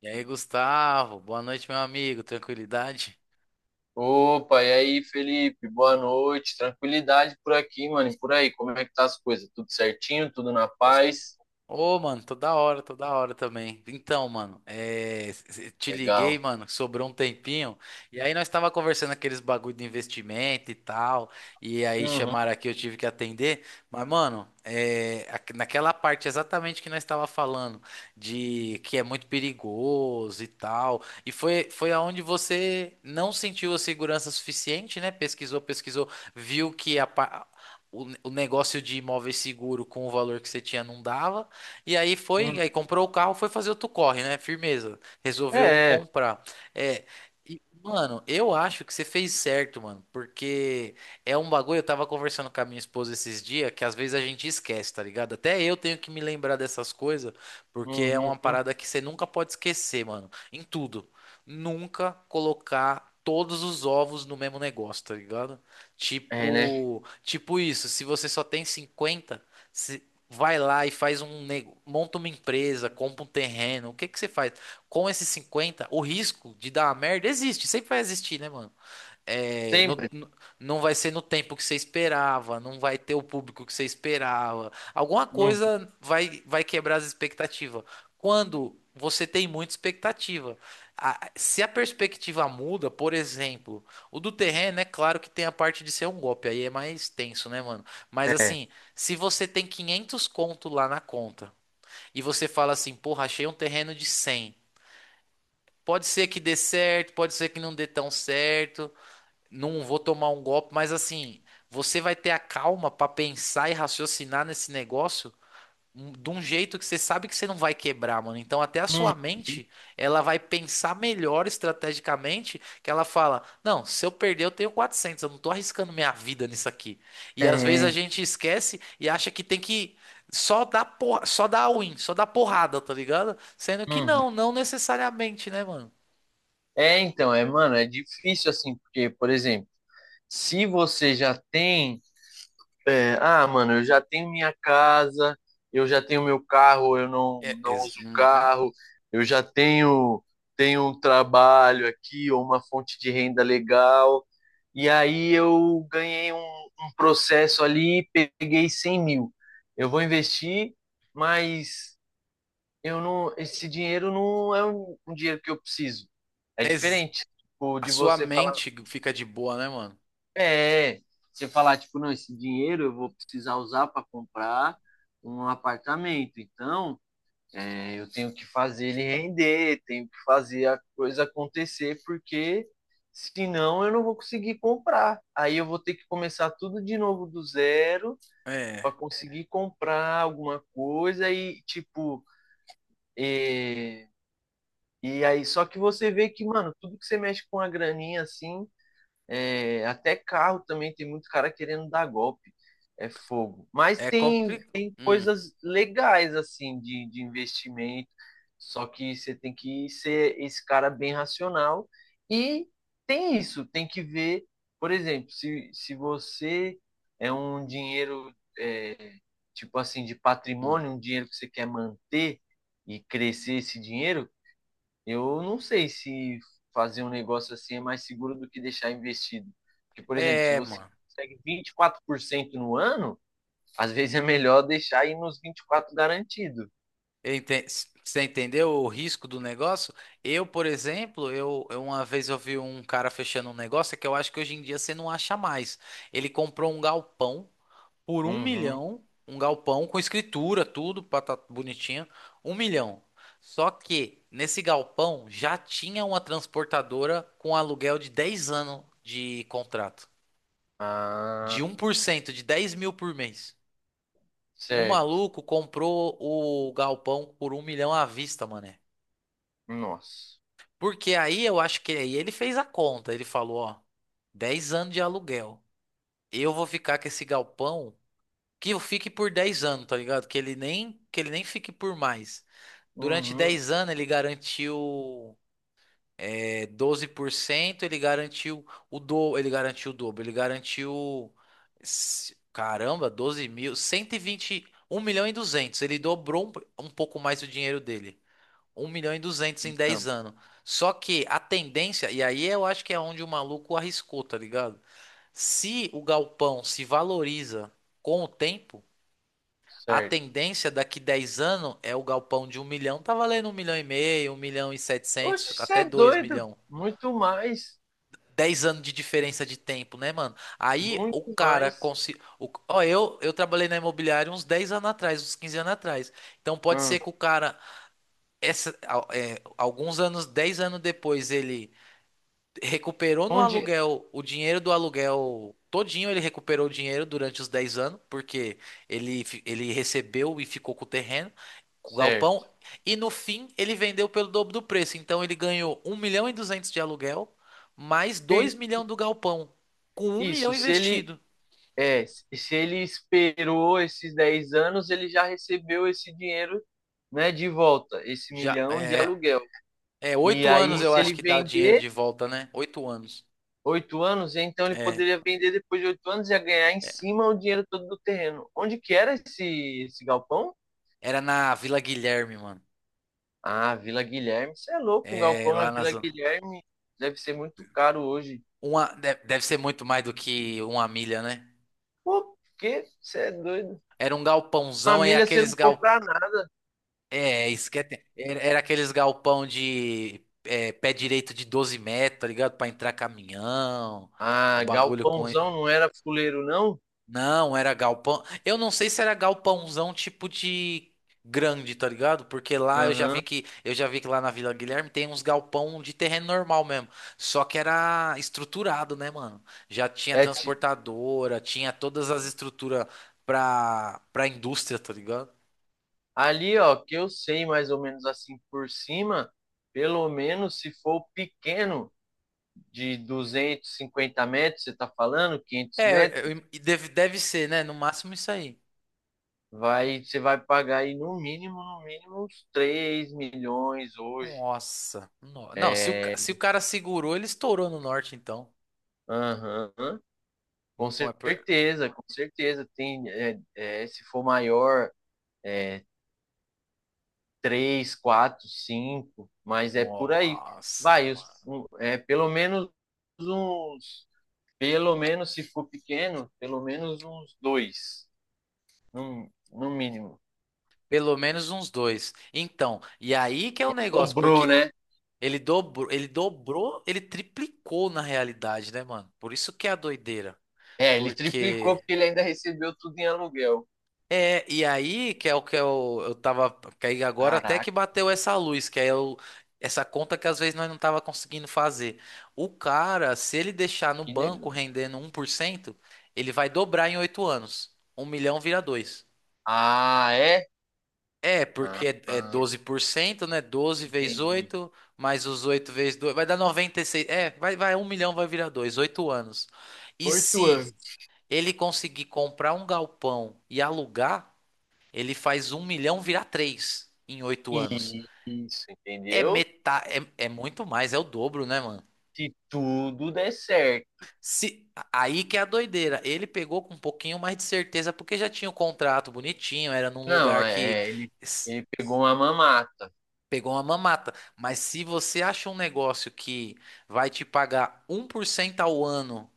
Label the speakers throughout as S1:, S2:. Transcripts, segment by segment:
S1: E aí, Gustavo, boa noite, meu amigo. Tranquilidade?
S2: Opa, e aí, Felipe? Boa noite. Tranquilidade por aqui, mano. E por aí, como é que tá as coisas? Tudo certinho? Tudo na paz?
S1: Ô, mano, toda hora também. Então, mano, te liguei,
S2: Legal.
S1: mano, sobrou um tempinho. E aí nós tava conversando aqueles bagulho de investimento e tal. E aí
S2: Uhum,
S1: chamaram aqui, eu tive que atender. Mas, mano, naquela parte exatamente que nós tava falando de que é muito perigoso e tal. E foi aonde você não sentiu a segurança suficiente, né? Pesquisou, pesquisou, viu que o negócio de imóvel seguro com o valor que você tinha não dava. E aí
S2: uhum.
S1: comprou o carro, foi fazer outro corre, né? Firmeza. Resolveu não
S2: É, é.
S1: comprar. É, e, mano, eu acho que você fez certo, mano, porque é um bagulho. Eu tava conversando com a minha esposa esses dias que às vezes a gente esquece, tá ligado? Até eu tenho que me lembrar dessas coisas, porque é uma
S2: Uhum.
S1: parada que você nunca pode esquecer, mano, em tudo. Nunca colocar. Todos os ovos no mesmo negócio, tá ligado?
S2: É, né?
S1: Tipo isso, se você só tem 50. Vai lá e faz um nego, monta uma empresa, compra um terreno. O que que você faz? Com esses 50 o risco de dar uma merda existe, sempre vai existir, né, mano? É, não,
S2: Sempre.
S1: não vai ser no tempo que você esperava, não vai ter o público que você esperava. Alguma
S2: Uhum.
S1: coisa vai quebrar as expectativas. Quando você tem muita expectativa. Se a perspectiva muda, por exemplo, o do terreno é claro que tem a parte de ser um golpe, aí é mais tenso, né, mano? Mas
S2: É.
S1: assim, se você tem 500 conto lá na conta e você fala assim, porra, achei um terreno de 100. Pode ser que dê certo, pode ser que não dê tão certo, não vou tomar um golpe, mas assim, você vai ter a calma pra pensar e raciocinar nesse negócio de um jeito que você sabe que você não vai quebrar, mano. Então até a
S2: Uhum.
S1: sua mente, ela vai pensar melhor estrategicamente, que ela fala: "Não, se eu perder eu tenho 400 eu não tô arriscando minha vida nisso aqui". E às vezes
S2: É.
S1: a gente esquece e acha que tem que. Só dar porra, só dar win, só dar porrada, tá ligado? Sendo que
S2: Uhum.
S1: não necessariamente, né, mano?
S2: É, então, é, mano, é difícil assim, porque, por exemplo, se você já tem é, ah, mano, eu já tenho minha casa, eu já tenho meu carro, eu não, não uso
S1: Uhum.
S2: carro, eu já tenho um trabalho aqui, ou uma fonte de renda legal. E aí eu ganhei um processo ali, peguei 100 mil. Eu vou investir, mas eu não, esse dinheiro não é um dinheiro que eu preciso. É
S1: Ex-
S2: diferente, tipo,
S1: A
S2: de
S1: sua
S2: você falar.
S1: mente fica de boa, né, mano?
S2: É, você falar, tipo, não, esse dinheiro eu vou precisar usar para comprar um apartamento. Então, é, eu tenho que fazer ele render, tenho que fazer a coisa acontecer, porque senão eu não vou conseguir comprar. Aí eu vou ter que começar tudo de novo do zero
S1: É.
S2: para conseguir comprar alguma coisa e, tipo, é, e aí, só que você vê que, mano, tudo que você mexe com a graninha assim, é, até carro também tem muito cara querendo dar golpe. É fogo. Mas
S1: É
S2: tem,
S1: complicado.
S2: tem coisas legais, assim, de investimento. Só que você tem que ser esse cara bem racional. E tem isso, tem que ver, por exemplo, se você é um dinheiro, é, tipo assim, de patrimônio, um dinheiro que você quer manter e crescer esse dinheiro, eu não sei se fazer um negócio assim é mais seguro do que deixar investido. Porque, por exemplo, se
S1: É,
S2: você
S1: mano.
S2: consegue 24% no ano, às vezes é melhor deixar aí nos 24 garantido.
S1: Eu enten- Você entendeu o risco do negócio? Eu, por exemplo, eu uma vez eu vi um cara fechando um negócio é que eu acho que hoje em dia você não acha mais. Ele comprou um galpão por um
S2: Uhum.
S1: milhão, um galpão com escritura, tudo, bonitinho, 1 milhão. Só que nesse galpão já tinha uma transportadora com aluguel de 10 anos de contrato. De
S2: Ah,
S1: 1%, de 10 mil por mês. O
S2: certo.
S1: maluco comprou o galpão por 1 milhão à vista, mané.
S2: Nossa.
S1: Porque aí eu acho que aí ele fez a conta. Ele falou, ó, 10 anos de aluguel. Eu vou ficar com esse galpão que eu fique por 10 anos, tá ligado? Que ele nem fique por mais. Durante
S2: Uhum.
S1: 10 anos ele garantiu. É 12% ele garantiu ele garantiu o dobro, ele garantiu caramba, 12 mil, 120, 1,2 milhão. Ele dobrou um pouco mais o dinheiro dele. 1,2 milhão em
S2: Não,
S1: 10 anos. Só que a tendência, e aí eu acho que é onde o maluco arriscou, tá ligado? Se o galpão se valoriza com o tempo, a
S2: certo.
S1: tendência daqui 10 anos é o galpão de 1 milhão tá valendo 1,5 milhão, 1,7 milhão
S2: Oxe, você
S1: até
S2: é
S1: dois
S2: doido.
S1: milhão
S2: Muito mais.
S1: 10 anos de diferença de tempo, né, mano? Aí
S2: Muito
S1: o cara
S2: mais.
S1: conseguiu. Ó, eu trabalhei na imobiliária uns 10 anos atrás, uns 15 anos atrás. Então pode ser
S2: Hum.
S1: que o cara, é, alguns anos, 10 anos depois, ele recuperou no
S2: Onde.
S1: aluguel o dinheiro do aluguel todinho, ele recuperou o dinheiro durante os 10 anos, porque ele recebeu e ficou com o terreno, com o
S2: Certo.
S1: galpão, e no fim ele vendeu pelo dobro do preço. Então ele ganhou 1,2 milhão de aluguel, mais
S2: E
S1: 2 milhões do galpão, com 1 milhão
S2: isso, se ele,
S1: investido.
S2: É, se ele esperou esses 10 anos, ele já recebeu esse dinheiro, né, de volta, esse
S1: Já
S2: milhão de
S1: é,
S2: aluguel.
S1: é
S2: E
S1: 8 anos
S2: aí,
S1: eu
S2: se
S1: acho
S2: ele
S1: que dá o dinheiro
S2: vender
S1: de volta, né? 8 anos.
S2: 8 anos, então ele
S1: É,
S2: poderia vender depois de 8 anos e ia ganhar em
S1: é,
S2: cima o dinheiro todo do terreno. Onde que era esse galpão?
S1: era na Vila Guilherme, mano.
S2: Ah, Vila Guilherme. Você é louco, um
S1: É,
S2: galpão na
S1: lá na
S2: Vila
S1: zona.
S2: Guilherme deve ser muito caro hoje.
S1: Deve ser muito mais do que uma milha, né?
S2: Pô, que? Você é doido.
S1: Era um galpãozão e
S2: Família, você
S1: aqueles
S2: não
S1: gal...
S2: compra nada.
S1: Era aqueles galpão de é, pé direito de 12 metros, tá ligado? Pra entrar caminhão, o
S2: Ah,
S1: bagulho com...
S2: galpãozão não era fuleiro, não?
S1: Não, era galpão. Eu não sei se era galpãozão tipo de grande, tá ligado? Porque lá
S2: Aham.
S1: eu já vi que lá na Vila Guilherme tem uns galpão de terreno normal mesmo. Só que era estruturado, né, mano? Já tinha
S2: É,
S1: transportadora, tinha todas as estruturas pra indústria, tá ligado?
S2: ali, ó, que eu sei mais ou menos assim por cima, pelo menos se for pequeno, de 250 metros, você tá falando, 500
S1: É,
S2: metros,
S1: e deve ser, né? No máximo isso aí.
S2: você vai pagar aí no mínimo, no mínimo uns 3 milhões hoje.
S1: Nossa. Não, se o,
S2: É,
S1: se o cara segurou, ele estourou no norte, então.
S2: aham, com
S1: Não é por...
S2: certeza, com certeza. Tem, se for maior, 3 4 5 mas é por aí.
S1: Nossa,
S2: Vai, pelo menos uns pelo menos, se for pequeno, pelo menos uns dois, no mínimo.
S1: pelo menos uns dois. Então, e aí que é o negócio,
S2: Dobrou,
S1: porque
S2: né?
S1: ele dobrou, ele dobrou, ele triplicou na realidade, né, mano? Por isso que é a doideira.
S2: É, ele triplicou
S1: Porque
S2: porque ele ainda recebeu tudo em aluguel.
S1: é, e aí que é o que eu tava, que aí agora até que
S2: Caraca,
S1: bateu essa luz, que é o, essa conta que às vezes nós não tava conseguindo fazer. O cara, se ele deixar no
S2: que
S1: banco
S2: negócio.
S1: rendendo 1%, ele vai dobrar em 8 anos. Um milhão vira dois.
S2: Ah, é?
S1: É, porque é
S2: Ah,
S1: 12%, né? Doze vezes
S2: entendi.
S1: oito mais os 8 vezes 2 vai dar 96. É, vai, vai, 1 milhão vai virar 2 8 anos. E
S2: Oito
S1: se
S2: anos.
S1: ele conseguir comprar um galpão e alugar, ele faz um milhão virar 3 em 8 anos.
S2: Isso,
S1: É
S2: entendeu?
S1: metade, é, é muito mais, é o dobro, né, mano?
S2: Se tudo der certo.
S1: Se, aí que é a doideira. Ele pegou com um pouquinho mais de certeza, porque já tinha o contrato bonitinho, era num
S2: Não,
S1: lugar que.
S2: ele pegou uma mamata
S1: Pegou uma mamata. Mas se você acha um negócio que vai te pagar 1% ao ano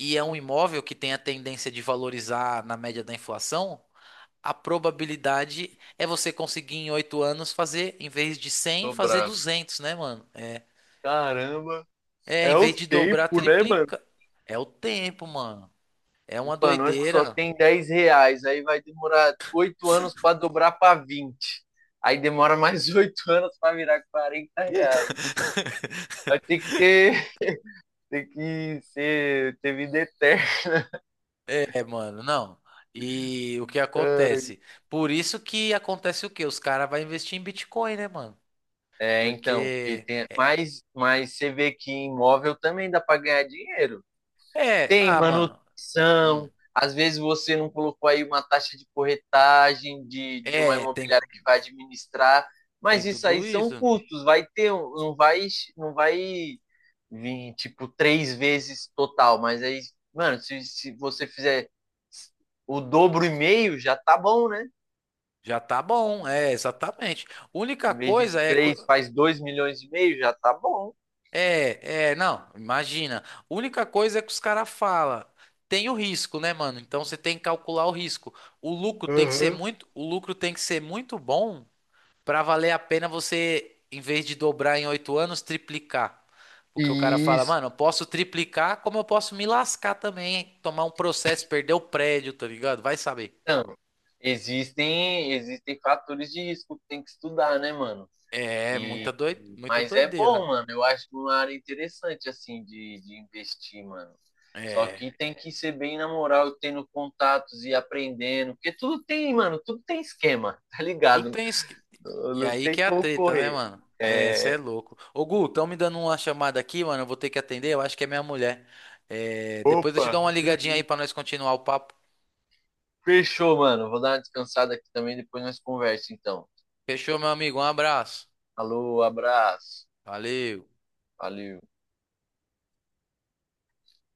S1: e é um imóvel que tem a tendência de valorizar na média da inflação, a probabilidade é você conseguir em 8 anos fazer, em vez de 100, fazer
S2: dobrada.
S1: 200, né, mano? É,
S2: Caramba.
S1: é em
S2: É
S1: vez
S2: o
S1: de dobrar,
S2: tempo, né, mano?
S1: triplica. É o tempo, mano. É uma
S2: E nós que só
S1: doideira.
S2: tem 10 reais, aí vai demorar 8 anos para dobrar para vinte. Aí demora mais 8 anos para virar 40 reais. Vai ter que ter, tem que ser, ter vida eterna.
S1: É, mano, não. E o que acontece? Por isso que acontece o quê? Os caras vão investir em Bitcoin, né, mano?
S2: É, então, porque
S1: Porque
S2: tem, mas você vê que imóvel também dá para ganhar dinheiro.
S1: é,
S2: Tem
S1: tá, mano. Hum.
S2: manutenção, às vezes você não colocou aí uma taxa de corretagem de uma
S1: É, tem,
S2: imobiliária que vai administrar,
S1: tem
S2: mas isso aí
S1: tudo
S2: são
S1: isso.
S2: custos, vai ter, não vai vir tipo três vezes total, mas aí, mano, se você fizer o dobro e meio, já tá bom, né?
S1: Já tá bom, é, exatamente. Única
S2: Em vez de
S1: coisa é que.
S2: três, faz 2,5 milhões, já tá bom.
S1: É, é, não, imagina. Única coisa é que os caras falam. Tem o risco, né, mano? Então você tem que calcular o risco.
S2: Aham.
S1: O lucro tem que ser muito bom pra valer a pena você, em vez de dobrar em 8 anos, triplicar. Porque o cara fala,
S2: Isso.
S1: mano, eu posso triplicar, como eu posso me lascar também, hein? Tomar um processo, perder o prédio, tá ligado? Vai saber.
S2: Então, existem fatores de risco que tem que estudar, né, mano?
S1: É,
S2: E,
S1: muita
S2: mas é bom,
S1: doideira.
S2: mano. Eu acho uma área interessante, assim, de investir, mano. Só
S1: É,
S2: que tem que ser bem na moral, tendo contatos e aprendendo, porque tudo tem, mano, tudo tem esquema, tá
S1: tu
S2: ligado?
S1: tens que...
S2: Não,
S1: E
S2: não
S1: aí
S2: tem
S1: que é a
S2: como
S1: treta, né,
S2: correr.
S1: mano? É, você é
S2: É.
S1: louco. Ô, Gu, estão me dando uma chamada aqui, mano. Eu vou ter que atender. Eu acho que é minha mulher. É, depois eu te
S2: Opa,
S1: dou uma ligadinha aí pra nós continuar o papo.
S2: fechou, mano. Vou dar uma descansada aqui também, depois nós conversa, então.
S1: Fechou, meu amigo? Um abraço.
S2: Alô, abraço.
S1: Valeu.
S2: Valeu.